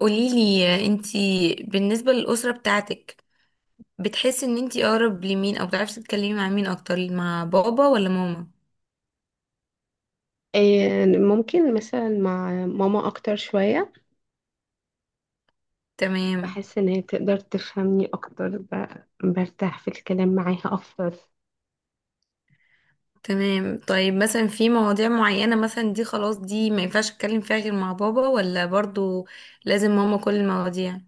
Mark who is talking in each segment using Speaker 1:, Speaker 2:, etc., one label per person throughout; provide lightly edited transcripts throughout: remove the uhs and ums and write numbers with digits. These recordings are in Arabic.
Speaker 1: قوليلي انتي بالنسبة للأسرة بتاعتك، بتحسي ان انتي اقرب لمين او بتعرفي تتكلمي مع مين اكتر، مع بابا ولا ماما؟
Speaker 2: آه، ممكن مثلا مع ماما أكتر شوية.
Speaker 1: تمام.
Speaker 2: بحس إن هي تقدر تفهمني أكتر، برتاح في الكلام معاها أكتر.
Speaker 1: تمام، طيب مثلا في مواضيع معينة مثلا دي خلاص دي ما ينفعش اتكلم فيها غير مع بابا، ولا برضو لازم ماما كل المواضيع؟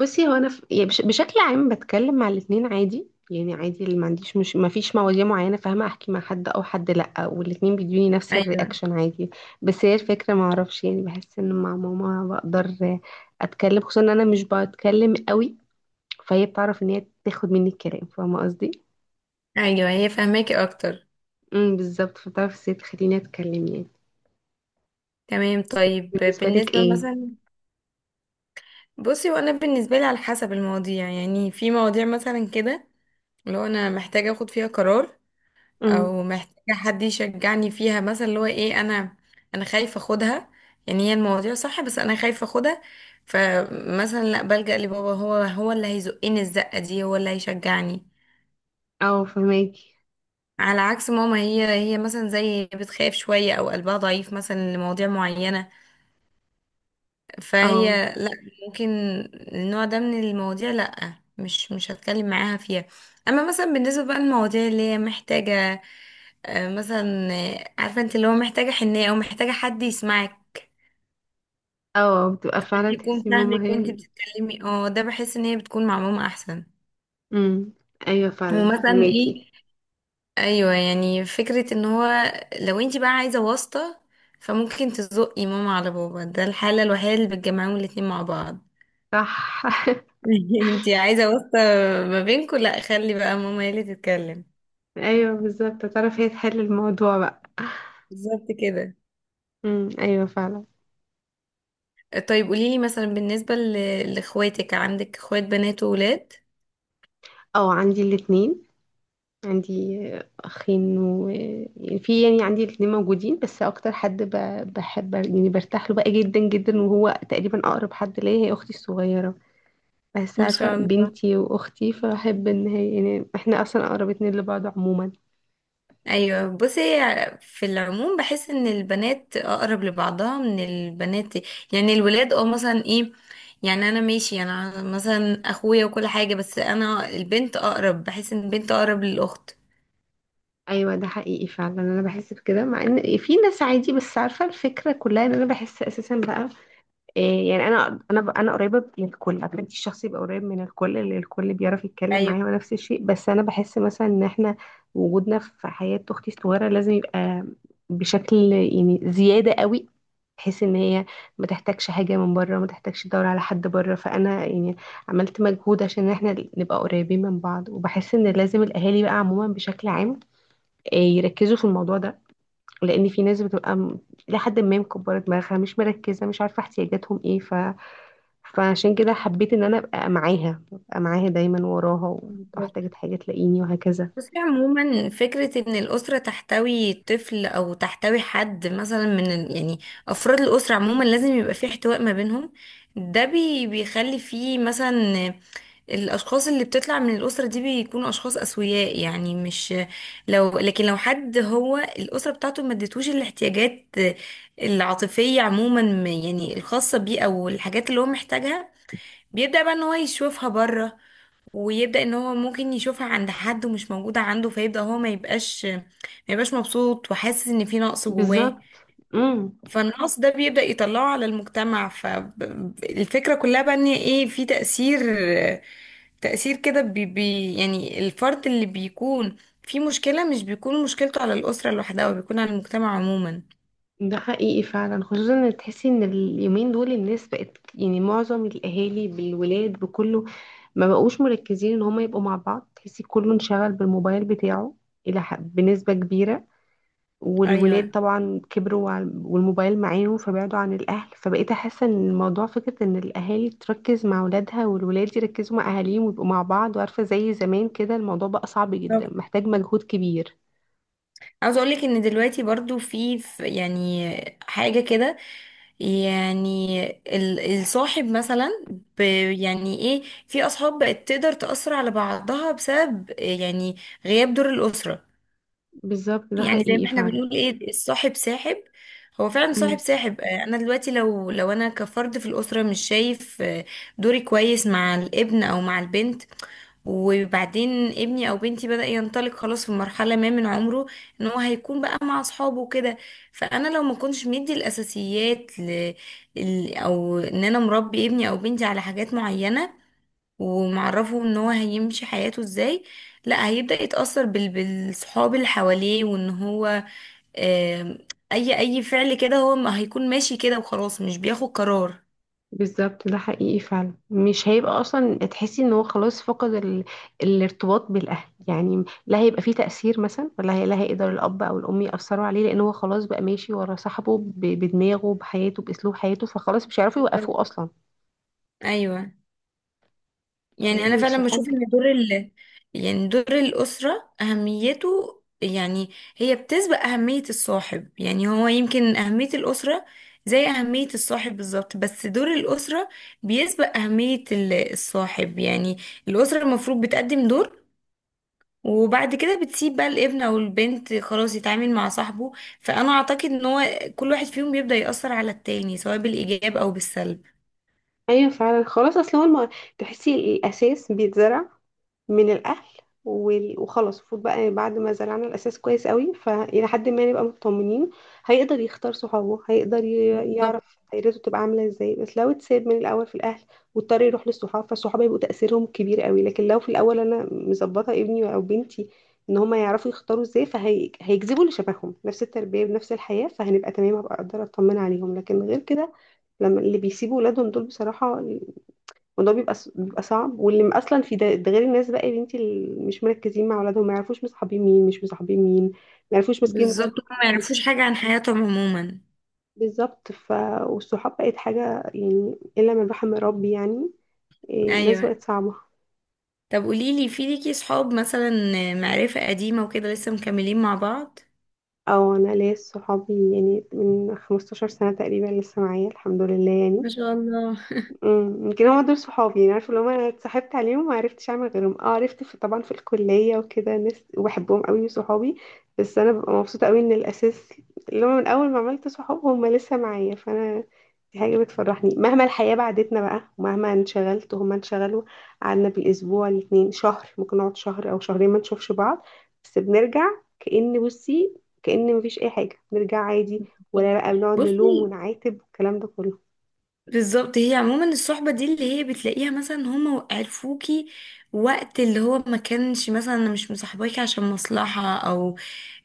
Speaker 2: بصي، هو أنا بشكل عام بتكلم مع الاتنين عادي، يعني عادي، اللي ما عنديش مش ما فيش مواضيع معينة فاهمة أحكي مع حد أو حد لأ، والاتنين بيدوني نفس
Speaker 1: ايوه.
Speaker 2: الرياكشن عادي. بس هي الفكرة ما أعرفش، يعني بحس إن مع ماما بقدر أتكلم، خصوصا إن أنا مش بتكلم قوي، فهي بتعرف إن هي تاخد مني الكلام، فاهمة قصدي؟
Speaker 1: ايوه، هي فاهماكي اكتر.
Speaker 2: بالظبط، فبتعرف ازاي تخليني أتكلم يعني.
Speaker 1: تمام، طيب
Speaker 2: بالنسبة لك
Speaker 1: بالنسبة
Speaker 2: ايه؟
Speaker 1: مثلا. بصي، وانا بالنسبة لي على حسب المواضيع، يعني في مواضيع مثلا كده لو انا محتاجة اخد فيها قرار،
Speaker 2: امم.
Speaker 1: او محتاجة حد يشجعني فيها، مثلا اللي هو ايه، انا خايفة اخدها، يعني هي المواضيع صح بس انا خايفة اخدها. فمثلا لا بلجأ لبابا، هو اللي هيزقني الزقة دي، هو اللي هيشجعني.
Speaker 2: او، فهماكي.
Speaker 1: على عكس ماما، هي مثلا زي بتخاف شوية او قلبها ضعيف مثلا لمواضيع معينة،
Speaker 2: او،
Speaker 1: فهي لا، ممكن النوع ده من المواضيع لا، مش هتكلم معاها فيها. اما مثلا بالنسبة بقى للمواضيع اللي هي محتاجة، مثلا عارفه انت اللي هو محتاجه حنيه او محتاجه حد يسمعك،
Speaker 2: او بتبقى
Speaker 1: حد
Speaker 2: فعلا
Speaker 1: يكون
Speaker 2: تحسي
Speaker 1: فاهمك
Speaker 2: ماما هي
Speaker 1: وانت بتتكلمي، ده بحس ان هي بتكون مع ماما احسن.
Speaker 2: امم، ايوه فعلا
Speaker 1: ومثلا
Speaker 2: فهماكي.
Speaker 1: ايه؟ ايوه، يعني فكره ان هو لو انت بقى عايزه واسطه فممكن تزقي ماما على بابا، ده الحاله الوحيده اللي بتجمعهم الاتنين مع بعض.
Speaker 2: صح.
Speaker 1: انت عايزه واسطه ما بينكم، لا خلي بقى ماما هي اللي تتكلم.
Speaker 2: ايوه، بالظبط، تعرف هي تحل الموضوع بقى.
Speaker 1: بالظبط كده.
Speaker 2: امم، ايوه فعلا.
Speaker 1: طيب قوليلي مثلا بالنسبه لاخواتك، عندك اخوات بنات وولاد؟
Speaker 2: او، عندي الاتنين. عندي اخين، و يعني في يعني عندي الاتنين موجودين، بس اكتر حد بحب، يعني برتاح له بقى جدا جدا، وهو تقريبا اقرب حد ليا، هي اختي الصغيرة. بس
Speaker 1: ما
Speaker 2: عارفة
Speaker 1: شاء الله.
Speaker 2: بنتي وأختي، فبحب إن هي، يعني إحنا أصلا أقرب اتنين لبعض عموما.
Speaker 1: ايوه، بصي في العموم بحس ان البنات اقرب لبعضها من البنات، يعني الولاد مثلا ايه، يعني انا ماشي انا مثلا اخويا وكل حاجه، بس انا البنت اقرب، بحس ان البنت اقرب للاخت.
Speaker 2: أيوة، ده حقيقي فعلا، أنا بحس بكده، مع إن في ناس عادي، بس عارفة الفكرة كلها إن أنا بحس أساسا بقى إيه، يعني أنا قريبة من الكل، أغلبية الشخص يبقى قريب من الكل، اللي الكل بيعرف يتكلم معاه، ونفس الشيء، بس أنا بحس مثلا إن إحنا وجودنا في حياة أختي الصغيرة لازم يبقى بشكل يعني زيادة قوي، بحيث ان هي ما تحتاجش حاجة من بره، ما تحتاجش تدور على حد بره. فانا يعني عملت مجهود عشان احنا نبقى قريبين من بعض، وبحس ان لازم الاهالي بقى عموما بشكل عام يركزوا في الموضوع ده، لان في ناس بتبقى لحد ما مكبرة دماغها، مش مركزة، مش عارفة احتياجاتهم ايه فعشان كده حبيت ان انا ابقى معاها، ابقى معاها دايما وراها،
Speaker 1: ايوه.
Speaker 2: واحتاجت حاجة تلاقيني، وهكذا.
Speaker 1: بصي عموما فكرة ان الأسرة تحتوي طفل او تحتوي حد مثلا يعني افراد الأسرة عموما لازم يبقى في احتواء ما بينهم، ده بيخلي فيه مثلا الاشخاص اللي بتطلع من الاسره دي بيكونوا اشخاص اسوياء، يعني مش. لكن لو حد هو الاسره بتاعته ما ادتوش الاحتياجات العاطفيه عموما، يعني الخاصه بيه او الحاجات اللي هو محتاجها، بيبدا بقى ان هو يشوفها بره، ويبدأ ان هو ممكن يشوفها عند حد ومش موجودة عنده، فيبدأ هو ما يبقاش مبسوط، وحاسس ان في نقص جواه.
Speaker 2: بالظبط. امم
Speaker 1: فالنقص ده بيبدأ يطلعه على المجتمع، فالفكرة كلها بقى ان ايه، في تأثير، تأثير كده بي بي يعني الفرد اللي بيكون في مشكلة مش بيكون مشكلته على الأسرة لوحدها، وبيكون على المجتمع عموما.
Speaker 2: ده حقيقي فعلا، خصوصا ان تحسي ان اليومين دول الناس بقت، يعني معظم الاهالي بالولاد بكله ما بقوش مركزين ان هما يبقوا مع بعض، تحسي كله انشغل بالموبايل بتاعه الى بنسبة كبيرة، والولاد
Speaker 1: ايوه.
Speaker 2: طبعا كبروا والموبايل معاهم فبعدوا عن الاهل، فبقيت احس ان الموضوع فكرة ان الاهالي تركز مع اولادها والولاد يركزوا مع اهاليهم ويبقوا مع بعض، وعارفة زي زمان كده، الموضوع بقى صعب جدا، محتاج مجهود كبير.
Speaker 1: عاوز اقولك ان دلوقتي برضو يعني حاجة كده، يعني الصاحب مثلا، ب يعني ايه، في اصحاب بقت تقدر تأثر على بعضها بسبب يعني غياب دور الأسرة.
Speaker 2: بالظبط، ده
Speaker 1: يعني زي
Speaker 2: حقيقي
Speaker 1: ما احنا
Speaker 2: فعلا.
Speaker 1: بنقول ايه، الصاحب ساحب، هو فعلا صاحب ساحب. انا دلوقتي لو انا كفرد في الاسره مش شايف دوري كويس مع الابن او مع البنت، وبعدين ابني او بنتي بدأ ينطلق خلاص في مرحله ما من عمره، ان هو هيكون بقى مع اصحابه وكده. فانا لو ما كنتش مدي الاساسيات او ان انا مربي ابني او بنتي على حاجات معينه، ومعرفه ان هو هيمشي حياته ازاي، لا هيبدأ يتأثر بالصحاب اللي حواليه، وان هو آم، اي فعل كده هو ما هيكون ماشي كده وخلاص مش بياخد قرار.
Speaker 2: بالظبط، ده حقيقي فعلا، مش هيبقى اصلا تحسي ان هو خلاص فقد الارتباط بالاهل، يعني لا هيبقى فيه تأثير مثلا، ولا لا هيقدر الاب او الام يأثروا عليه، لان هو خلاص بقى ماشي ورا صاحبه، بدماغه بحياته باسلوب حياته، فخلاص مش هيعرفوا يوقفوه اصلا.
Speaker 1: ايوه. يعني انا
Speaker 2: فهي
Speaker 1: فعلا بشوف
Speaker 2: الصحاب.
Speaker 1: ان دور يعني دور الاسره اهميته، يعني هي بتسبق اهميه الصاحب، يعني هو يمكن اهميه الاسره زي اهميه الصاحب بالظبط، بس دور الاسره بيسبق اهميه الصاحب، يعني الاسره المفروض بتقدم دور، وبعد كده بتسيب بقى الابن او البنت خلاص يتعامل مع صاحبه. فانا اعتقد ان هو كل واحد فيهم بيبدأ يأثر على التاني سواء بالايجاب او بالسلب.
Speaker 2: ايوه فعلا، خلاص اصل هو تحسي الاساس بيتزرع من الاهل، وخلاص المفروض بقى بعد ما زرعنا الاساس كويس قوي، فالى حد ما نبقى مطمنين، هيقدر يختار صحابه، هيقدر
Speaker 1: بالظبط.
Speaker 2: يعرف دايرته تبقى عامله ازاي، بس لو اتساب من الاول في الاهل، واضطر يروح للصحاب، فالصحاب هيبقوا تاثيرهم كبير قوي، لكن لو في الاول انا مظبطه ابني او بنتي ان هما يعرفوا يختاروا ازاي، فهيجذبوا اللي شبههم نفس التربيه بنفس الحياه، فهنبقى تمام، هبقى اقدر اطمن عليهم، لكن غير كده لما اللي بيسيبوا ولادهم دول بصراحه. وده بيبقى بيبقى صعب، اصلا في ده، ده غير الناس بقى يا بنتي اللي مش مركزين مع اولادهم، ما يعرفوش مصاحبين مين مش مصاحبين مين، ما يعرفوش ماسكين موبايل.
Speaker 1: بالظبط، هما ما يعرفوش حاجة عن حياتهم عموما.
Speaker 2: بالظبط، والصحاب بقت حاجه، يعني الا من رحم ربي يعني. إيه، الناس
Speaker 1: ايوه،
Speaker 2: بقت صعبه.
Speaker 1: طب قوليلي، في ليكي صحاب مثلا معرفة قديمة وكده لسه مكملين مع بعض؟
Speaker 2: او، انا ليا صحابي يعني من 15 سنه تقريبا لسه معايا الحمد لله يعني.
Speaker 1: ما شاء الله.
Speaker 2: يمكن هما دول صحابي، يعني عارفه لو انا اتصاحبت عليهم ما عرفتش اعمل غيرهم، اه عرفت في طبعا في الكليه وكده ناس وبحبهم قوي صحابي، بس انا ببقى مبسوطه قوي ان الاساس اللي هو من اول ما عملت صحاب هم لسه معايا، فانا دي حاجه بتفرحني، مهما الحياه بعدتنا بقى، ومهما انشغلت وهما انشغلوا، قعدنا بالاسبوع الاتنين شهر، ممكن نقعد شهر او شهرين ما نشوفش بعض، بس بنرجع كأن بصي كأن مفيش اي حاجه، بنرجع عادي، ولا بقى بنقعد
Speaker 1: بصي
Speaker 2: نلوم ونعاتب والكلام ده كله.
Speaker 1: بالظبط، هي عموما الصحبة دي اللي هي بتلاقيها مثلا هما عرفوكي وقت اللي هو ما كانش، مثلا انا مش مصاحباكي عشان مصلحة، او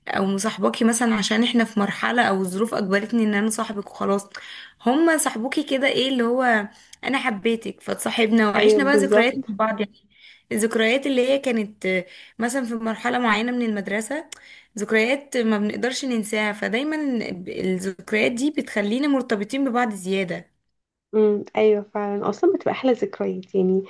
Speaker 1: او مصاحباكي مثلا عشان احنا في مرحلة او الظروف اجبرتني ان انا صاحبك وخلاص، هما صاحبوكي كده، ايه اللي هو انا حبيتك فتصاحبنا
Speaker 2: ايوه
Speaker 1: وعشنا بقى
Speaker 2: بالظبط.
Speaker 1: ذكريات مع بعض يعني. الذكريات اللي هي كانت مثلا في مرحلة معينة من المدرسة، ذكريات ما بنقدرش ننساها، فدايما الذكريات دي بتخلينا مرتبطين ببعض زيادة.
Speaker 2: امم، ايوه فعلا، اصلا بتبقى احلى ذكريات يعني،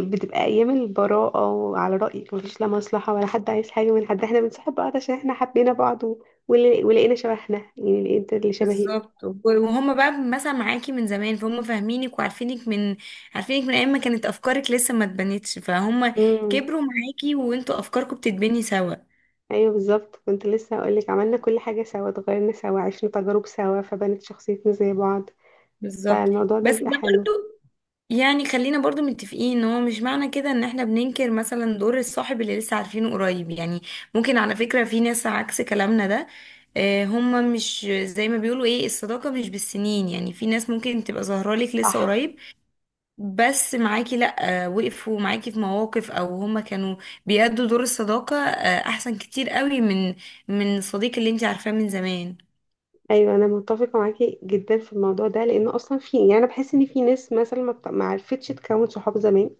Speaker 2: بتبقى ايام البراءه، وعلى رايك مفيش لا مصلحه ولا حد عايز حاجه من حد، احنا بنصاحب بعض عشان احنا حبينا بعض ولقينا شبهنا، يعني لقيت اللي شبهي.
Speaker 1: بالظبط، وهم بقى مثلا معاكي من زمان، فهم فاهمينك وعارفينك من ايام ما كانت افكارك لسه ما اتبنتش، فهم
Speaker 2: امم،
Speaker 1: كبروا معاكي وانتوا افكاركم بتتبني سوا.
Speaker 2: ايوه بالظبط، كنت لسه هقول لك، عملنا كل حاجه سوا، اتغيرنا سوا، عشنا تجارب سوا، فبنت شخصيتنا زي بعض،
Speaker 1: بالظبط.
Speaker 2: فالموضوع ده
Speaker 1: بس ده
Speaker 2: بيبقى حلو.
Speaker 1: برضو، يعني خلينا برضو متفقين ان هو مش معنى كده ان احنا بننكر مثلا دور الصاحب اللي لسه عارفينه قريب، يعني ممكن على فكرة في ناس عكس كلامنا ده، هم مش زي ما بيقولوا ايه، الصداقة مش بالسنين، يعني في ناس ممكن تبقى ظاهرة لك لسه
Speaker 2: صح.
Speaker 1: قريب، بس معاكي لأ، وقفوا معاكي في مواقف، أو هما كانوا بيأدوا دور الصداقة أحسن كتير قوي من الصديق اللي انتي عارفاه من زمان.
Speaker 2: ايوه، انا متفقه معاكي جدا في الموضوع ده، لان اصلا في، يعني انا بحس ان في ناس مثلا ما عرفتش تكون صحاب زمان،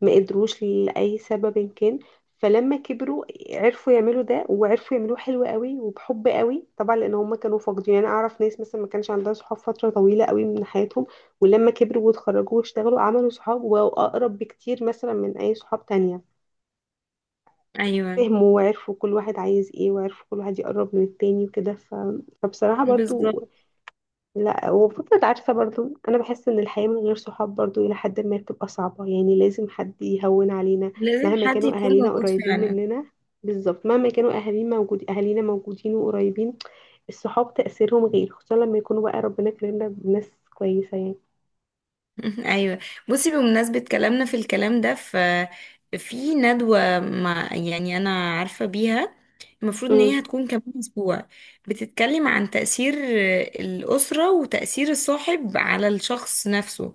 Speaker 2: ما قدروش لاي سبب إن كان، فلما كبروا عرفوا يعملوا ده، وعرفوا يعملوه حلو قوي وبحب قوي طبعا، لان هم كانوا فاقدين، يعني انا اعرف ناس مثلا ما كانش عندها صحاب فتره طويله قوي من حياتهم، ولما كبروا واتخرجوا واشتغلوا عملوا صحاب واقرب بكتير مثلا من اي صحاب تانية،
Speaker 1: أيوة.
Speaker 2: فهموا وعرفوا كل واحد عايز ايه، وعرفوا كل واحد يقرب من التاني وكده فبصراحه برضو.
Speaker 1: بالظبط.
Speaker 2: لا، وفكرة، عارفة برضو أنا بحس إن الحياة من غير صحاب برضو إلى حد ما بتبقى صعبة، يعني لازم حد يهون علينا
Speaker 1: لازم
Speaker 2: مهما
Speaker 1: حد
Speaker 2: كانوا
Speaker 1: يكون
Speaker 2: أهالينا
Speaker 1: موجود
Speaker 2: قريبين
Speaker 1: فعلا.
Speaker 2: مننا. بالظبط، مهما كانوا أهالينا موجودين وقريبين، الصحاب تأثيرهم غير، خصوصا لما يكونوا بقى ربنا كرمنا بناس كويسة يعني.
Speaker 1: أيوة. بصي بمناسبة كلامنا في الكلام ده، في ندوة، مع يعني أنا عارفة بيها، المفروض إن هي
Speaker 2: امم
Speaker 1: هتكون كمان أسبوع، بتتكلم عن تأثير الأسرة وتأثير الصاحب على الشخص نفسه،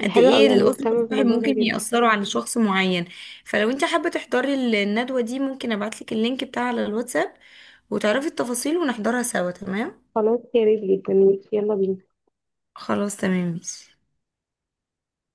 Speaker 2: دي
Speaker 1: قد
Speaker 2: حلوة
Speaker 1: ايه
Speaker 2: أوي، أنا
Speaker 1: القطط
Speaker 2: مهتمة
Speaker 1: الصاحب
Speaker 2: بالموضوع ده
Speaker 1: ممكن
Speaker 2: جدا.
Speaker 1: يأثروا على شخص معين. فلو انت حابة تحضري الندوة دي ممكن ابعتلك اللينك بتاعها على الواتساب، وتعرفي التفاصيل ونحضرها سوا. تمام،
Speaker 2: خلاص، يا ريت جدا. يلا بينا.
Speaker 1: خلاص، تمام ماشي.